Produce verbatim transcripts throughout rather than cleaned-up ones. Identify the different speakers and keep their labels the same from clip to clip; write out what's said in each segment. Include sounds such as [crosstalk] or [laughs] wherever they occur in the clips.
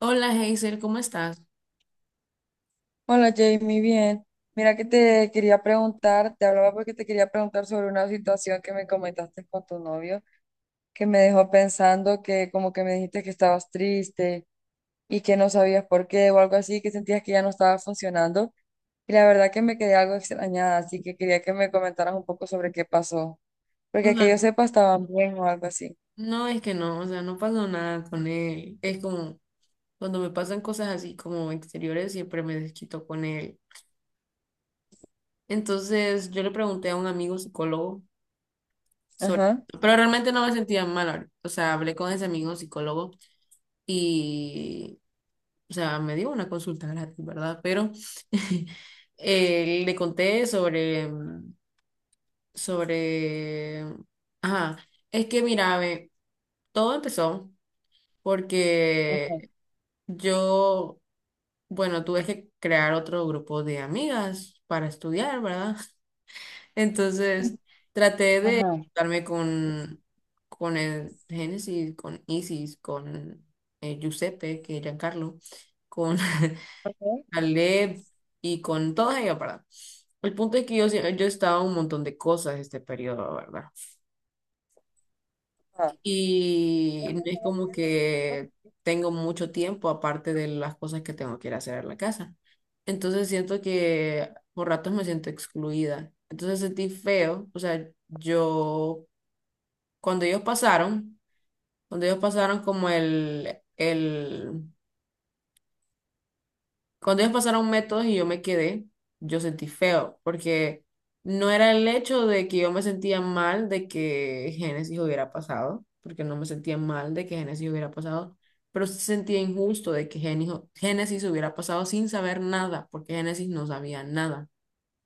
Speaker 1: Hola Hazel, ¿cómo estás?
Speaker 2: Hola Jamie, bien. Mira que te quería preguntar, te hablaba porque te quería preguntar sobre una situación que me comentaste con tu novio, que me dejó pensando, que como que me dijiste que estabas triste y que no sabías por qué o algo así, que sentías que ya no estaba funcionando. Y la verdad que me quedé algo extrañada, así que quería que me comentaras un poco sobre qué pasó,
Speaker 1: O
Speaker 2: porque
Speaker 1: sea,
Speaker 2: que yo sepa estaban bien o algo así.
Speaker 1: no es que no, o sea, no pasó nada con él. Es como cuando me pasan cosas así como exteriores, siempre me desquito con él. Entonces yo le pregunté a un amigo psicólogo sobre,
Speaker 2: Ajá.
Speaker 1: pero realmente no me sentía mal. O sea, hablé con ese amigo psicólogo y, o sea, me dio una consulta gratis, ¿verdad? Pero [laughs] eh, le conté sobre, sobre, ajá, es que mira, ve, todo empezó.
Speaker 2: Ajá.
Speaker 1: Porque yo, bueno, tuve que crear otro grupo de amigas para estudiar, ¿verdad? [laughs] Entonces, traté de
Speaker 2: Ajá.
Speaker 1: juntarme con, con el Génesis, con Isis, con eh, Giuseppe, que es Giancarlo, con [laughs] Caleb y con todas ellas, ¿verdad? El punto es que yo, sie- yo estaba en un montón de cosas este periodo, ¿verdad? Y no es como
Speaker 2: Ajá.
Speaker 1: que tengo mucho tiempo aparte de las cosas que tengo que ir a hacer en la casa. Entonces siento que por ratos me siento excluida. Entonces sentí feo. O sea, yo, cuando ellos pasaron, cuando ellos pasaron como el, el cuando ellos pasaron métodos y yo me quedé, yo sentí feo, porque no era el hecho de que yo me sentía mal de que Génesis hubiera pasado, porque no me sentía mal de que Génesis hubiera pasado, pero sí sentía injusto de que Génijo- Génesis hubiera pasado sin saber nada, porque Génesis no sabía nada.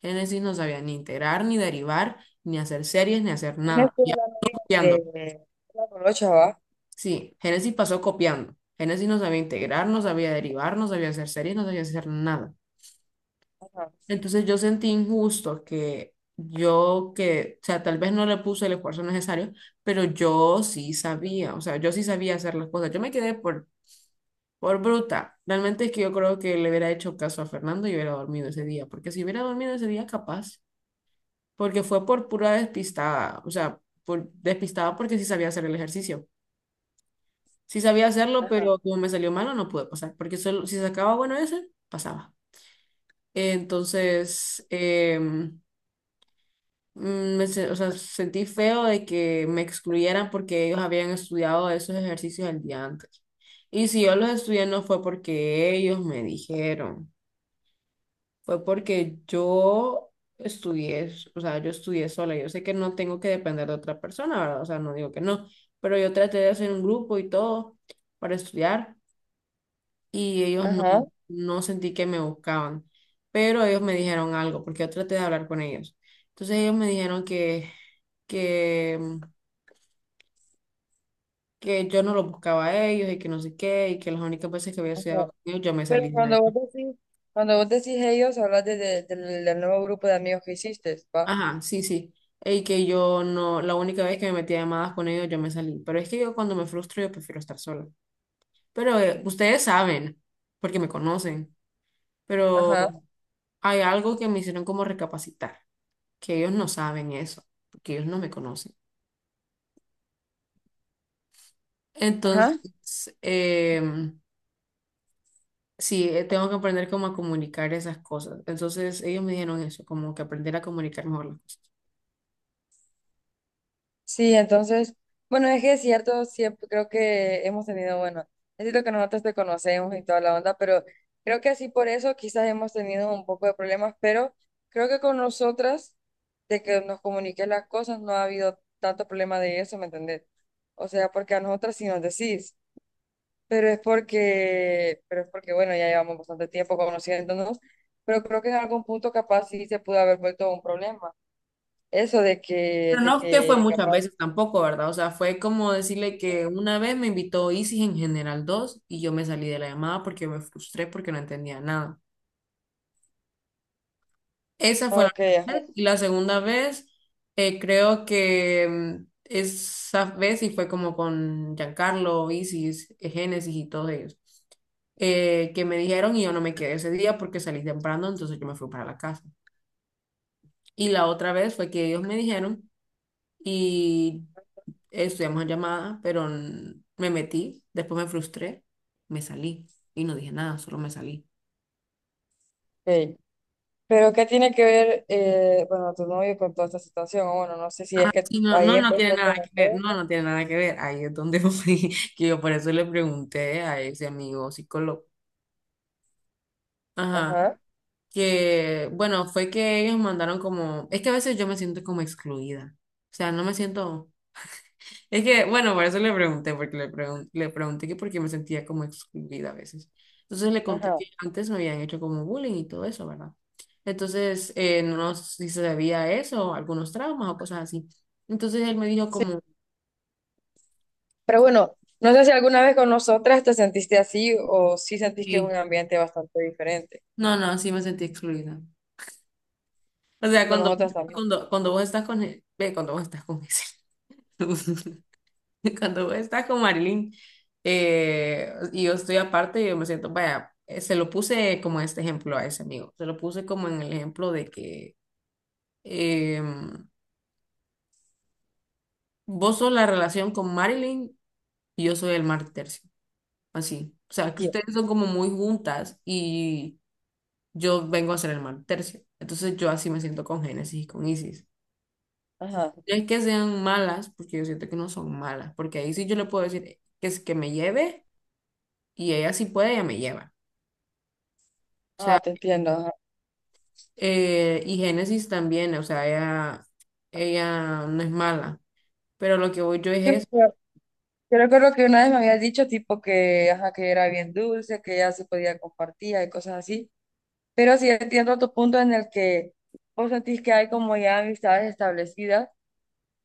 Speaker 1: Génesis no sabía ni integrar, ni derivar, ni hacer series, ni hacer
Speaker 2: Ana
Speaker 1: nada.
Speaker 2: fue
Speaker 1: Ya
Speaker 2: la novia
Speaker 1: copiando.
Speaker 2: de la colocha, ¿va?
Speaker 1: Sí, Génesis pasó copiando. Génesis no sabía integrar, no sabía derivar, no sabía hacer series, no sabía hacer nada.
Speaker 2: Ajá,
Speaker 1: Entonces yo sentí injusto que yo que, o sea, tal vez no le puse el esfuerzo necesario, pero yo sí sabía, o sea, yo sí sabía hacer las cosas. Yo me quedé por, por bruta. Realmente es que yo creo que le hubiera hecho caso a Fernando y hubiera dormido ese día, porque si hubiera dormido ese día, capaz, porque fue por pura despistada, o sea, por despistada porque sí sabía hacer el ejercicio. Sí sabía hacerlo,
Speaker 2: ajá,
Speaker 1: pero como me salió malo, no pude pasar, porque solo, si sacaba bueno ese, pasaba. Entonces, em, mm, me se- o sea, sentí feo de que me excluyeran porque ellos habían estudiado esos ejercicios el día antes. Y si yo los estudié no fue porque ellos me dijeron, fue porque yo estudié, o sea, yo estudié sola. Yo sé que no tengo que depender de otra persona, ¿verdad? O sea, no digo que no, pero yo traté de hacer un grupo y todo para estudiar y ellos no,
Speaker 2: ajá,
Speaker 1: no sentí que me buscaban, pero ellos me dijeron algo, porque yo traté de hablar con ellos. Entonces ellos me dijeron que, que, mm, que yo no los buscaba a ellos y que no sé qué, y que las únicas veces que había
Speaker 2: ajá.
Speaker 1: estudiado con ellos yo me salí
Speaker 2: Pero
Speaker 1: de la
Speaker 2: cuando vos
Speaker 1: llamada.
Speaker 2: decís, cuando vos decís ellos, hablas de, de- del del nuevo grupo de amigos que hiciste, ¿va?
Speaker 1: Ajá, sí, sí. Y que yo no, la única vez que me metí a llamadas con ellos yo me salí. Pero es que yo cuando me frustro yo prefiero estar sola. Pero eh, ustedes saben, porque me conocen, pero
Speaker 2: Ajá,
Speaker 1: hay algo que me hicieron como recapacitar. Que ellos no saben eso, porque ellos no me conocen.
Speaker 2: ajá.
Speaker 1: Entonces, em, sí, eh, tengo que aprender cómo a comunicar esas cosas. Entonces, ellos me dijeron eso, como que aprender a comunicar mejor las cosas.
Speaker 2: Sí, entonces, bueno, es que es cierto, siempre creo que hemos tenido, bueno, es cierto que nosotros te conocemos y toda la onda, pero creo que así por eso quizás hemos tenido un poco de problemas, pero creo que con nosotras, de que nos comuniques las cosas, no ha habido tanto problema de eso, ¿me entendés? O sea, porque a nosotras sí nos decís, pero es porque, pero es porque, bueno, ya llevamos bastante tiempo conociéndonos, pero creo que en algún punto capaz sí se pudo haber vuelto un problema. Eso de que,
Speaker 1: Pero
Speaker 2: de
Speaker 1: no que fue
Speaker 2: que
Speaker 1: muchas
Speaker 2: capaz...
Speaker 1: veces tampoco, ¿verdad? O sea, fue como decirle que una vez me invitó Isis en General dos y yo me salí de la llamada porque me frustré porque no entendía nada. Esa fue la
Speaker 2: Ok.
Speaker 1: primera vez. Y la segunda vez, eh, creo que mm, esa vez sí fue como con Giancarlo, Isis, eh, Génesis y todos ellos, eh, que me dijeron y yo no me quedé ese día porque salí temprano, entonces yo me fui para la casa. Y la otra vez fue que ellos me dijeron y estudiamos en llamada, pero mm, me metí, después me frustré, me salí y no dije nada, solo me salí.
Speaker 2: Ey, pero ¿qué tiene que ver, eh, bueno, tu novio con toda esta situación? O bueno, no sé si es que
Speaker 1: Sí, no,
Speaker 2: ahí
Speaker 1: no, no tiene
Speaker 2: empezó a
Speaker 1: nada que ver,
Speaker 2: conocer.
Speaker 1: no, no tiene nada que ver. Ahí es donde [laughs] voy, que yo por eso le pregunté a ese amigo psicólogo. Ajá,
Speaker 2: Ajá,
Speaker 1: que bueno, fue que ellos mandaron como, es que a veces yo me siento como excluida. O sea, no me siento, es que bueno, por eso le pregunté, porque le, pregun- le pregunté que por qué me sentía como excluida a veces. Entonces le conté
Speaker 2: ajá.
Speaker 1: que antes me habían hecho como bullying y todo eso, ¿verdad? Entonces, eh, no no sé si se debía a eso, algunos traumas o cosas así. Entonces él me dijo
Speaker 2: Sí.
Speaker 1: como...
Speaker 2: Pero bueno, no sé si alguna vez con nosotras te sentiste así o si sentís que es un ambiente bastante diferente.
Speaker 1: No, no, sí me sentí excluida. O sea,
Speaker 2: Con
Speaker 1: cuando,
Speaker 2: nosotras también.
Speaker 1: cuando, cuando vos estás con, e- ve, cuando vos estás con ese, [laughs] cuando vos estás con Marilyn, eh, y yo estoy aparte, yo me siento, vaya, eh, se lo puse como este ejemplo a ese amigo, se lo puse como en el ejemplo de que eh, vos sos la relación con Marilyn y yo soy el mar tercio, así. O sea, que
Speaker 2: Sí.
Speaker 1: ustedes son como muy juntas y yo vengo a ser el mar tercio. Entonces yo así me siento con Génesis y con Isis.
Speaker 2: Ajá,
Speaker 1: No es que sean malas, porque yo siento que no son malas, porque ahí sí yo le puedo decir que es que me lleve y ella sí puede, ella me lleva.
Speaker 2: ajá, te entiendo. Ajá.
Speaker 1: Eh, y Génesis también, o sea, ella, ella no es mala, pero lo que voy yo es
Speaker 2: Sí,
Speaker 1: eso,
Speaker 2: pero yo recuerdo que una vez me habías dicho tipo que, ajá, que era bien dulce, que ya se podía compartir y cosas así. Pero sí entiendo tu punto en el que vos sentís que hay como ya amistades establecidas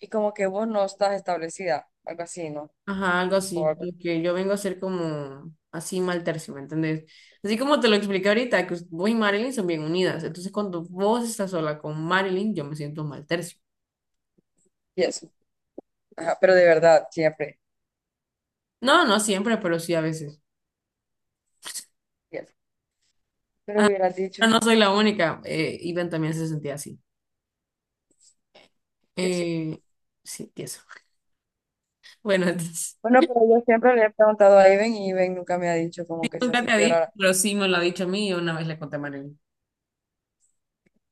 Speaker 2: y como que vos no estás establecida, algo así, ¿no?
Speaker 1: ajá, algo
Speaker 2: O
Speaker 1: así,
Speaker 2: algo.
Speaker 1: lo que yo vengo a hacer como así mal tercio, ¿me entendés? Así como te lo expliqué ahorita, que vos y Marilyn son bien unidas, entonces cuando vos estás sola con Marilyn, yo me siento mal tercio.
Speaker 2: Y eso. Ajá, pero de verdad, ¿siempre?
Speaker 1: No, no siempre, pero sí a veces.
Speaker 2: Y eso. Pero hubieras dicho,
Speaker 1: Pero no soy la única, eh, Iván también se sentía así.
Speaker 2: y eso.
Speaker 1: Eh, sí, eso. [laughs] Bueno, entonces,
Speaker 2: Bueno, pero yo siempre le he preguntado a Iben y Iben nunca me ha dicho como que se ha
Speaker 1: nunca te ha
Speaker 2: sentido
Speaker 1: dicho,
Speaker 2: rara.
Speaker 1: pero sí me lo ha dicho a mí y una vez le conté a Marilyn.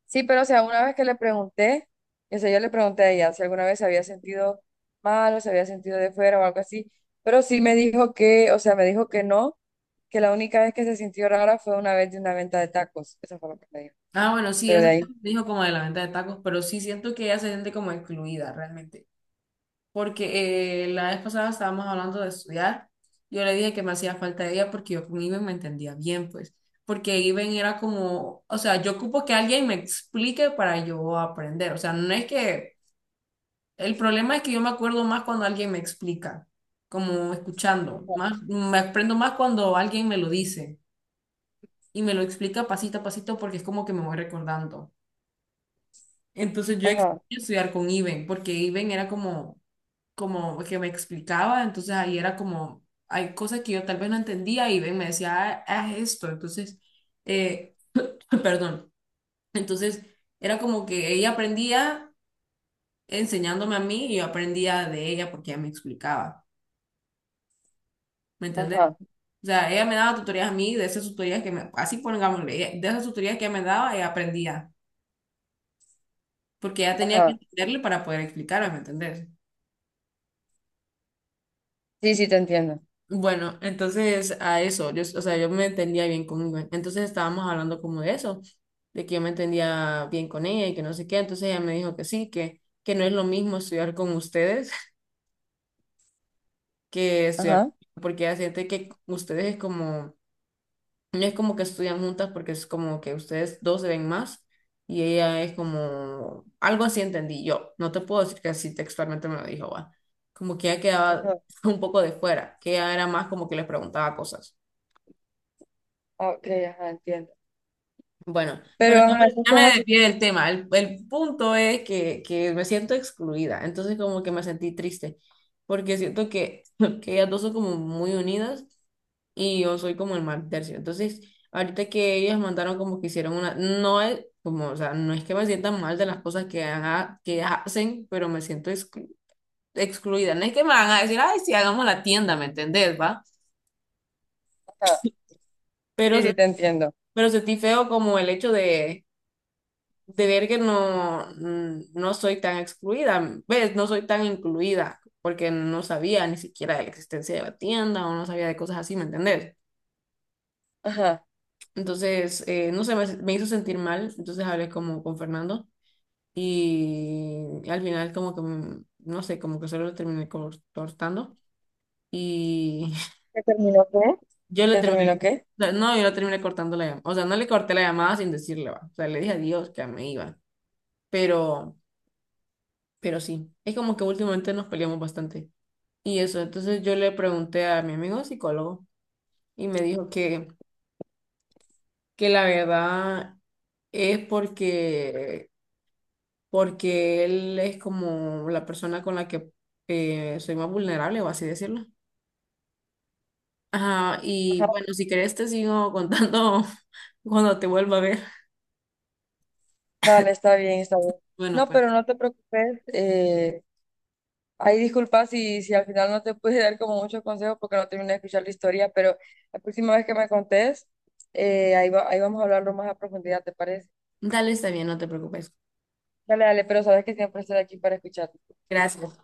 Speaker 2: Sí, pero o sea, una vez que le pregunté, o sea, yo le pregunté a ella si alguna vez se había sentido mal o se había sentido de fuera o algo así, pero sí me dijo que, o sea, me dijo que no, que la única vez que se sintió rara fue una vez de una venta de tacos. Eso fue lo que me dijo.
Speaker 1: Ah, bueno, sí,
Speaker 2: Pero
Speaker 1: eso
Speaker 2: de ahí.
Speaker 1: [laughs] me dijo como de la venta de tacos, pero sí siento que ella se siente como excluida realmente. Porque eh, la vez pasada estábamos hablando de estudiar. Yo le dije que me hacía falta ella porque yo con Iben me entendía bien, pues. Porque Iben era como, o sea, yo ocupo que alguien me explique para yo aprender. O sea, no es que el problema es que yo me acuerdo más cuando alguien me explica, como escuchando,
Speaker 2: Ajá,
Speaker 1: más, me aprendo más cuando alguien me lo dice y me lo explica pasito a pasito porque es como que me voy recordando. Entonces yo extraño
Speaker 2: ajá,
Speaker 1: estudiar con Iben porque Iben era como, como que me explicaba, entonces ahí era como, hay cosas que yo tal vez no entendía y Iben me decía, ah, haz esto, entonces, eh, [laughs] perdón, entonces era como que ella aprendía enseñándome a mí y yo aprendía de ella porque ella me explicaba. ¿Me entendés?
Speaker 2: ajá,
Speaker 1: O sea, ella me daba tutorías a mí, de esas tutorías que me, así pongámosle, ella- de esas tutorías que ella me daba, ella aprendía, porque ella tenía que
Speaker 2: ajá.
Speaker 1: entenderle para poder explicarme, ¿me entendés?
Speaker 2: Sí, sí, te entiendo.
Speaker 1: Bueno, entonces a eso, yo, o sea, yo me entendía bien conmigo. Entonces estábamos hablando como de eso, de que yo me entendía bien con ella y que no sé qué. Entonces ella me dijo que sí, que, que no es lo mismo estudiar con ustedes [laughs] que estudiar,
Speaker 2: Ajá.
Speaker 1: porque ella siente que ustedes es como no es como que estudian juntas porque es como que ustedes dos se ven más y ella es como, algo así entendí yo. No te puedo decir que así textualmente me lo dijo, va. Como que ella quedaba
Speaker 2: Ajá.
Speaker 1: [laughs] un poco de fuera, que ella era más como que les preguntaba cosas.
Speaker 2: Ok, ajá, entiendo.
Speaker 1: Bueno,
Speaker 2: Pero,
Speaker 1: bueno, ya
Speaker 2: ajá,
Speaker 1: me, ya
Speaker 2: entonces
Speaker 1: me
Speaker 2: así fue
Speaker 1: desvié
Speaker 2: que
Speaker 1: del tema. El, el punto es que, que me siento excluida, entonces como que me sentí triste porque siento que, [laughs] que ellas dos son como muy unidas y yo soy como el mal tercio. Entonces, ahorita que ellas mandaron como que hicieron una, no es como, o sea, no es que me sientan mal de las cosas que, haga- que hacen, pero me siento exclu- excluida. No es que me van a decir, ay, sí, hagamos la tienda, ¿me entendés, va?
Speaker 2: nada.
Speaker 1: Pero,
Speaker 2: Sí,
Speaker 1: se-
Speaker 2: sí, te entiendo.
Speaker 1: pero sentí feo como el hecho de, de ver que no, mm, no soy tan excluida, ¿ves? No soy tan incluida. Porque no sabía ni siquiera de la existencia de la tienda o no sabía de cosas así, ¿me entendés?
Speaker 2: Ajá.
Speaker 1: Entonces, eh, no sé, me, me hizo sentir mal, entonces hablé como con Fernando y al final como que, mm, no sé, como que solo lo terminé cor- cortando y
Speaker 2: ¿Ya terminó qué?
Speaker 1: [laughs] yo le
Speaker 2: ¿Ya terminó
Speaker 1: terminé, o
Speaker 2: qué?
Speaker 1: sea, no, yo le terminé cortando la llamada, o sea, no le corté la llamada sin decirle, va, o sea, le dije adiós, que me iba, pero, pero sí, es como que últimamente nos peleamos bastante y eso, entonces yo le pregunté a mi amigo psicólogo y me dijo que, que la verdad es porque... Porque él es como la persona con la que eh, soy más vulnerable, o así decirlo. Ajá,
Speaker 2: Ajá.
Speaker 1: y bueno, si querés te sigo contando [laughs] cuando te vuelva a ver.
Speaker 2: Dale, está bien, está bien.
Speaker 1: Bueno,
Speaker 2: No,
Speaker 1: pues.
Speaker 2: pero no te preocupes. Eh, ahí disculpa si, si al final no te pude dar como muchos consejos porque no terminé de escuchar la historia, pero la próxima vez que me contés, eh, ahí va- ahí vamos a hablarlo más a profundidad, ¿te parece?
Speaker 1: Dale, está bien, no te preocupes.
Speaker 2: Dale, dale, pero sabes que siempre estoy aquí para escuchar.
Speaker 1: Gracias.